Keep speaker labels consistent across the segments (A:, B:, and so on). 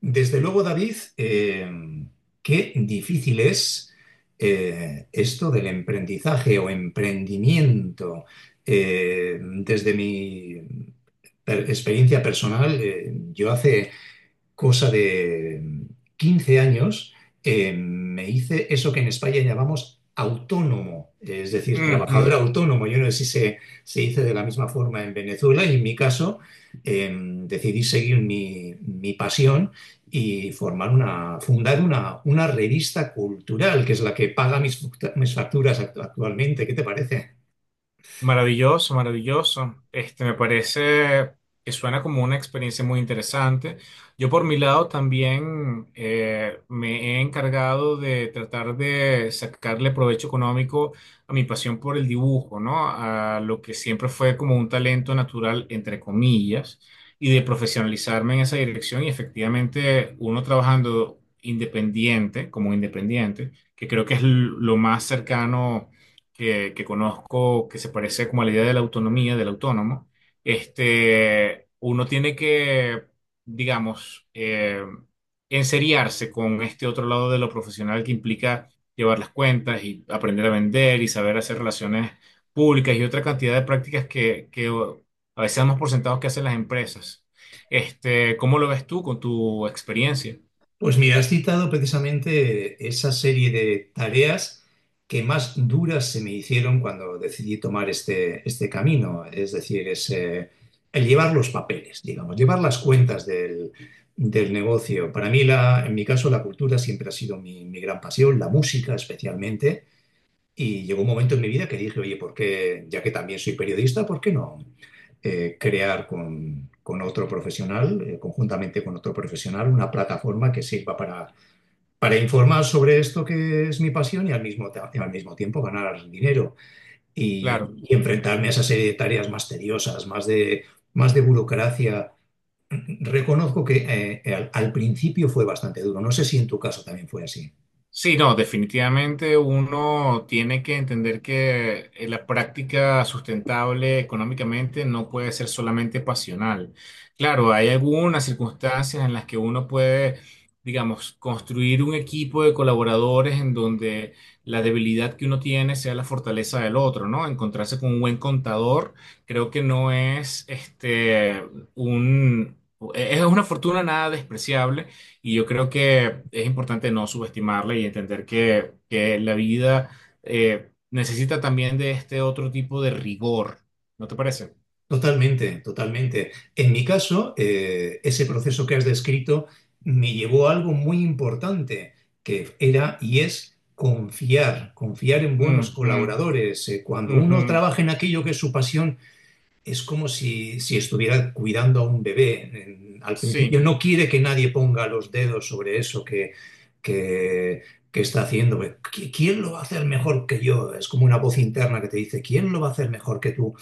A: Desde luego, David, qué difícil es esto del emprendizaje o emprendimiento. Desde mi experiencia personal, yo hace cosa de 15 años, me hice eso que en España llamamos autónomo, es decir, trabajador
B: Ujú.
A: autónomo. Yo no sé si se dice de la misma forma en Venezuela, y en mi caso eh, decidí seguir mi pasión y fundar una revista cultural, que es la que paga mis facturas actualmente. ¿Qué te parece?
B: Maravilloso, maravilloso. Este, me parece que suena como una experiencia muy interesante. Yo por mi lado también me he encargado de tratar de sacarle provecho económico a mi pasión por el dibujo, ¿no? A lo que siempre fue como un talento natural, entre comillas, y de profesionalizarme en esa dirección. Y efectivamente, uno trabajando independiente, como independiente, que creo que es lo más cercano que conozco que se parece como a la idea de la autonomía, del autónomo, este, uno tiene que digamos, enseriarse con este otro lado de lo profesional que implica llevar las cuentas y aprender a vender y saber hacer relaciones públicas y otra cantidad de prácticas que a veces damos por sentados que hacen las empresas. Este, ¿cómo lo ves tú con tu experiencia?
A: Pues mira, has citado precisamente esa serie de tareas que más duras se me hicieron cuando decidí tomar este camino, es decir, el llevar los papeles, digamos, llevar las cuentas del negocio. Para mí, en mi caso, la cultura siempre ha sido mi gran pasión, la música especialmente. Y llegó un momento en mi vida que dije, oye, ya que también soy periodista, ¿por qué no crear con otro profesional, conjuntamente con otro profesional, una plataforma que sirva para informar sobre esto que es mi pasión, y al mismo tiempo ganar dinero
B: Claro.
A: y enfrentarme a esa serie de tareas más tediosas, más de burocracia? Reconozco que al principio fue bastante duro. No sé si en tu caso también fue así.
B: Sí, no, definitivamente uno tiene que entender que la práctica sustentable económicamente no puede ser solamente pasional. Claro, hay algunas circunstancias en las que uno puede, digamos, construir un equipo de colaboradores en donde la debilidad que uno tiene sea la fortaleza del otro, ¿no? Encontrarse con un buen contador, creo que no es este un es una fortuna nada despreciable y yo creo que es importante no subestimarla y entender que la vida necesita también de este otro tipo de rigor. ¿No te parece?
A: Totalmente, totalmente. En mi caso, ese proceso que has descrito me llevó a algo muy importante, que era y es confiar en buenos
B: Ujú,
A: colaboradores. Cuando uno
B: ujú.
A: trabaja en aquello que es su pasión, es como si estuviera cuidando a un bebé. Al principio
B: Sí,
A: no quiere que nadie ponga los dedos sobre eso que, que está haciendo. ¿Quién lo va a hacer mejor que yo? Es como una voz interna que te dice: ¿quién lo va a hacer mejor que tú?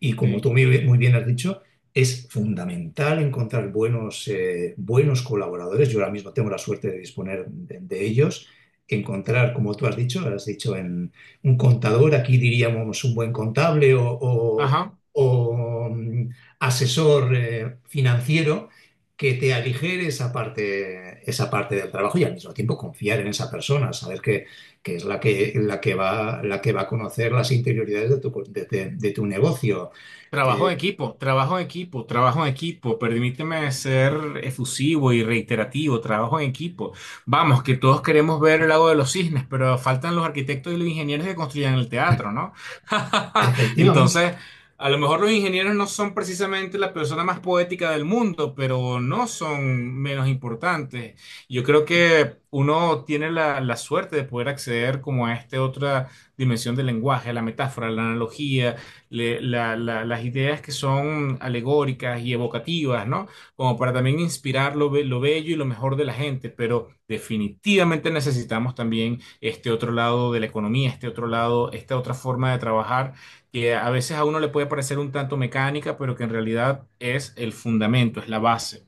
A: Y como
B: sí.
A: tú muy bien has dicho, es fundamental encontrar buenos colaboradores. Yo ahora mismo tengo la suerte de disponer de ellos. Encontrar, como tú has dicho, en un contador, aquí diríamos un buen contable o, o-
B: Ajá.
A: o, mm, asesor financiero, que te aligere esa parte, del trabajo, y al mismo tiempo confiar en esa persona, saber que es la que, la que va a conocer las interioridades de de tu negocio,
B: Trabajo
A: eh,
B: en equipo, trabajo en equipo, trabajo en equipo. Permíteme ser efusivo y reiterativo, trabajo en equipo. Vamos, que todos queremos ver el lago de los cisnes, pero faltan los arquitectos y los ingenieros que construyan el teatro, ¿no?
A: efectivamente.
B: Entonces, a lo mejor los ingenieros no son precisamente la persona más poética del mundo, pero no son menos importantes. Yo creo que uno tiene la suerte de poder acceder como a esta otra dimensión del lenguaje, a la metáfora, a la analogía las ideas que son alegóricas y evocativas, ¿no? Como para también inspirar lo bello y lo mejor de la gente, pero definitivamente necesitamos también este otro lado de la economía, este otro lado, esta otra forma de trabajar, que a veces a uno le puede parecer un tanto mecánica, pero que en realidad es el fundamento, es la base.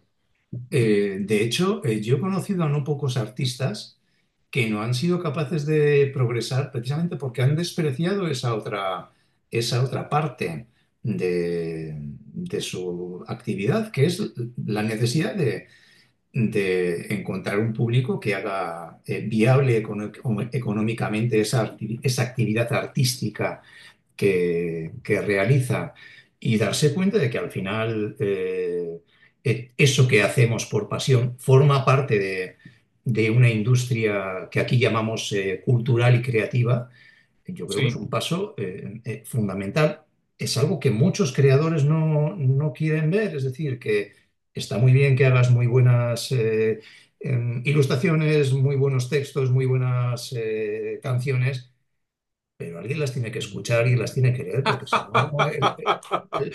A: De hecho, yo he conocido a no pocos artistas que no han sido capaces de progresar precisamente porque han despreciado esa otra parte de su actividad, que es la necesidad de encontrar un público que haga viable económicamente esa actividad artística que realiza, y darse cuenta de que al final eso que hacemos por pasión forma parte de una industria que aquí llamamos cultural y creativa. Yo creo que es
B: Sí.
A: un paso fundamental. Es algo que muchos creadores no quieren ver, es decir, que está muy bien que hagas muy buenas ilustraciones, muy buenos textos, muy buenas canciones, pero alguien las tiene que escuchar, alguien las tiene que leer, porque si no,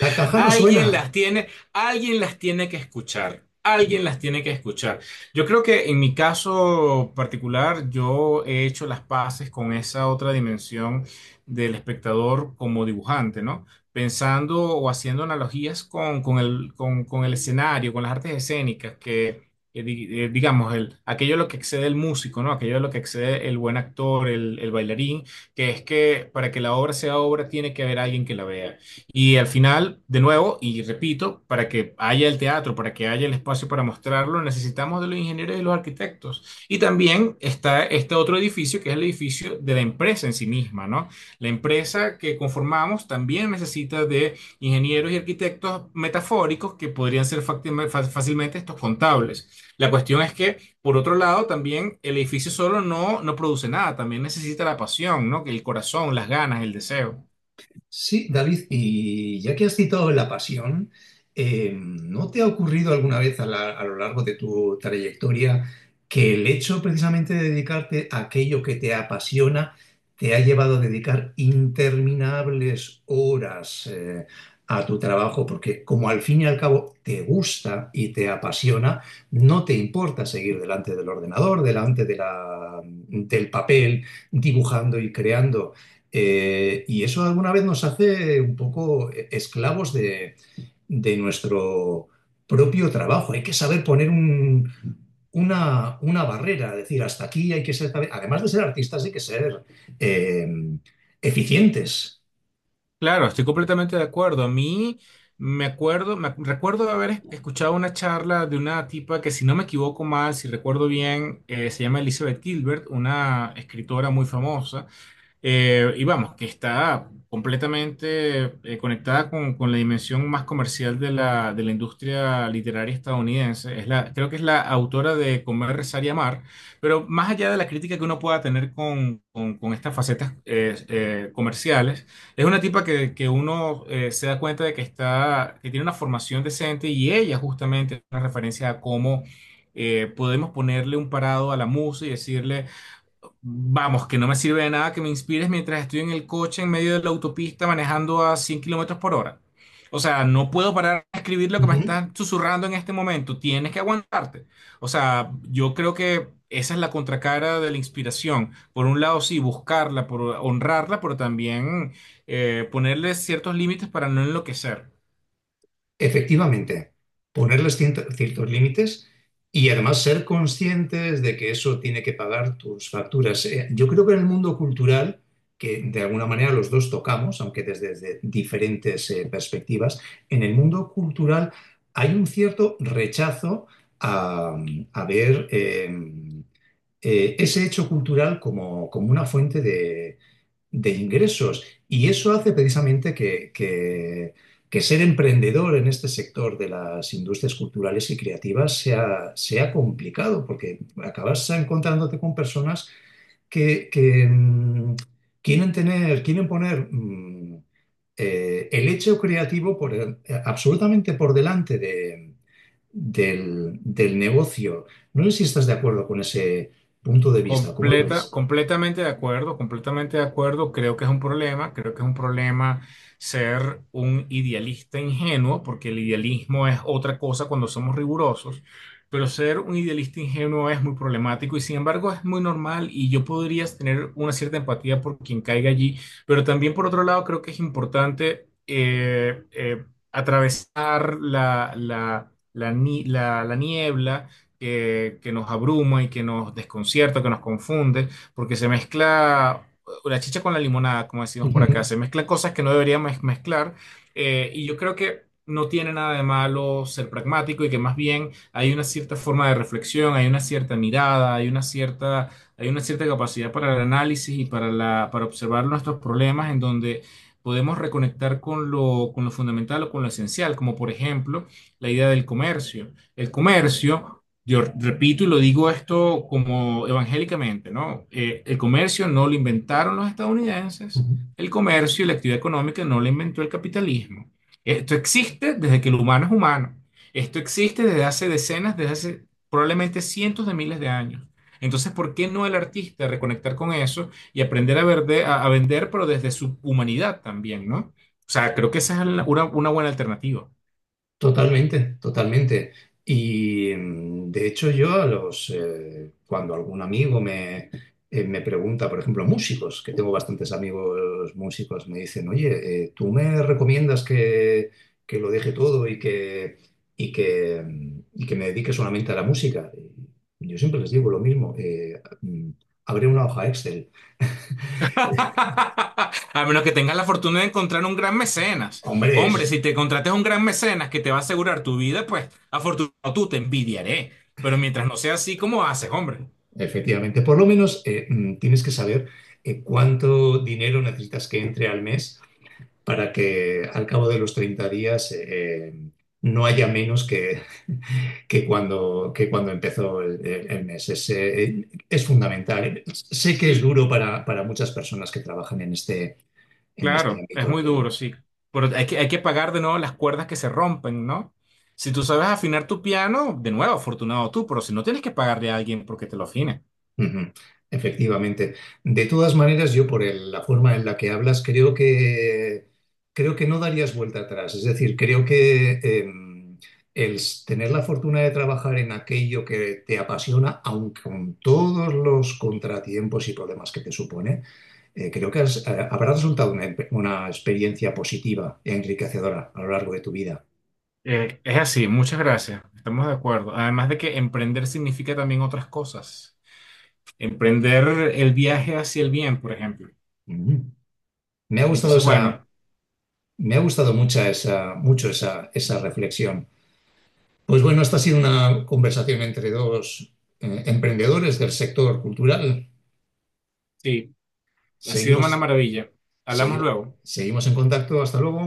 A: la caja no suena.
B: Alguien las tiene que escuchar. Alguien las tiene que escuchar. Yo creo que en mi caso particular, yo he hecho las paces con esa otra dimensión del espectador como dibujante, ¿no? Pensando o haciendo analogías con el, con el escenario, con las artes escénicas, que digamos, el, aquello a lo que excede el músico, ¿no? Aquello a lo que excede el buen actor, el bailarín que es que para que la obra sea obra tiene que haber alguien que la vea. Y al final, de nuevo, y repito, para que haya el teatro, para que haya el espacio para mostrarlo, necesitamos de los ingenieros y de los arquitectos. Y también está este otro edificio, que es el edificio de la empresa en sí misma, ¿no? La empresa que conformamos también necesita de ingenieros y arquitectos metafóricos que podrían ser fácilmente estos contables. La cuestión es que, por otro lado, también el edificio solo no produce nada, también necesita la pasión, ¿no? Que el corazón, las ganas, el deseo.
A: Sí, David, y ya que has citado La Pasión, ¿no te ha ocurrido alguna vez, a lo largo de tu trayectoria, que el hecho precisamente de dedicarte a aquello que te apasiona te ha llevado a dedicar interminables horas a tu trabajo? Porque como al fin y al cabo te gusta y te apasiona, no te importa seguir delante del ordenador, delante del papel, dibujando y creando. Y eso alguna vez nos hace un poco esclavos de nuestro propio trabajo. Hay que saber poner una barrera, decir, hasta aquí. Hay que ser, además de ser artistas, hay que ser eh, eficientes.
B: Claro, estoy completamente de acuerdo. A mí me acuerdo, recuerdo haber escuchado una charla de una tipa que, si no me equivoco mal, si recuerdo bien, se llama Elizabeth Gilbert, una escritora muy famosa. Y vamos, que está completamente conectada con la dimensión más comercial de de la industria literaria estadounidense. Es la, creo que es la autora de Comer, Rezar y Amar, pero más allá de la crítica que uno pueda tener con estas facetas comerciales, es una tipa que uno se da cuenta de que, está, que tiene una formación decente y ella justamente es una referencia a cómo... podemos ponerle un parado a la música y decirle, vamos, que no me sirve de nada que me inspires mientras estoy en el coche en medio de la autopista manejando a 100 kilómetros por hora. O sea, no puedo parar de escribir lo que me estás susurrando en este momento. Tienes que aguantarte. O sea, yo creo que esa es la contracara de la inspiración. Por un lado, sí, buscarla, por honrarla, pero también ponerle ciertos límites para no enloquecer.
A: Efectivamente, ponerles ciertos límites, y además ser conscientes de que eso tiene que pagar tus facturas. Yo creo que en el mundo cultural, que de alguna manera los dos tocamos, aunque desde diferentes perspectivas, en el mundo cultural hay un cierto rechazo a, a ver ese hecho cultural como, una fuente de ingresos. Y eso hace precisamente que ser emprendedor en este sector de las industrias culturales y creativas sea, complicado, porque acabas encontrándote con personas que, que, mm, quieren poner el hecho creativo absolutamente por delante del negocio. No sé si estás de acuerdo con ese punto de vista, ¿cómo lo ves?
B: Completamente de acuerdo, completamente de acuerdo. Creo que es un problema, creo que es un problema ser un idealista ingenuo, porque el idealismo es otra cosa cuando somos rigurosos, pero ser un idealista ingenuo es muy problemático y sin embargo es muy normal y yo podría tener una cierta empatía por quien caiga allí, pero también por otro lado creo que es importante atravesar la, la, la, ni- la la niebla que nos abruma y que nos desconcierta, que nos confunde, porque se mezcla la chicha con la limonada, como decimos por acá, se mezclan cosas que no deberían mezclar, y yo creo que no tiene nada de malo ser pragmático y que más bien hay una cierta forma de reflexión, hay una cierta mirada, hay una cierta capacidad para el análisis y para para observar nuestros problemas en donde podemos reconectar con lo fundamental o con lo esencial, como por ejemplo la idea del comercio. El comercio yo repito y lo digo esto como evangélicamente, ¿no? El comercio no lo inventaron los estadounidenses, el comercio y la actividad económica no lo inventó el capitalismo. Esto existe desde que el humano es humano. Esto existe desde hace decenas, desde hace probablemente cientos de miles de años. Entonces, ¿por qué no el artista reconectar con eso y aprender a, a vender, pero desde su humanidad también, ¿no? O sea, creo que esa es una buena alternativa.
A: Totalmente, totalmente. Y de hecho, yo cuando algún amigo me pregunta, por ejemplo, músicos, que tengo bastantes amigos músicos, me dicen, oye, ¿tú me recomiendas que lo deje todo y y que me dedique solamente a la música? Y yo siempre les digo lo mismo: abre una hoja Excel.
B: A menos que tengas la fortuna de encontrar un gran mecenas.
A: Hombre,
B: Hombre, si te contrates un gran mecenas que te va a asegurar tu vida, pues afortunado tú te envidiaré. Pero mientras no sea así, ¿cómo haces, hombre?
A: efectivamente, por lo menos tienes que saber cuánto dinero necesitas que entre al mes, para que al cabo de los 30 días no haya menos que que cuando empezó el mes. Es fundamental. Sé que es
B: Sí,
A: duro para muchas personas que trabajan en en este
B: claro, es
A: ámbito,
B: muy duro,
A: pero.
B: sí. Pero hay hay que pagar de nuevo las cuerdas que se rompen, ¿no? Si tú sabes afinar tu piano, de nuevo, afortunado tú, pero si no tienes que pagarle a alguien porque te lo afine.
A: Ujú. Efectivamente. De todas maneras, yo por la forma en la que hablas, creo creo que no darías vuelta atrás. Es decir, creo que tener la fortuna de trabajar en aquello que te apasiona, aunque con todos los contratiempos y problemas que te supone, creo que habrá resultado una experiencia positiva e enriquecedora a lo largo de tu vida.
B: Es así, muchas gracias, estamos de acuerdo. Además de que emprender significa también otras cosas. Emprender el viaje hacia el bien, por ejemplo.
A: Ujú. Me ha gustado
B: Entonces,
A: esa,
B: bueno,
A: me ha gustado mucha esa, mucho esa, esa reflexión. Pues bueno, esta ha sido una conversación entre dos emprendedores del sector cultural.
B: sí, ha sido
A: Seguimos,
B: una maravilla. Hablamos
A: segui-
B: luego,
A: Seguimos en contacto. Hasta luego.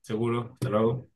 B: seguro. Hasta luego.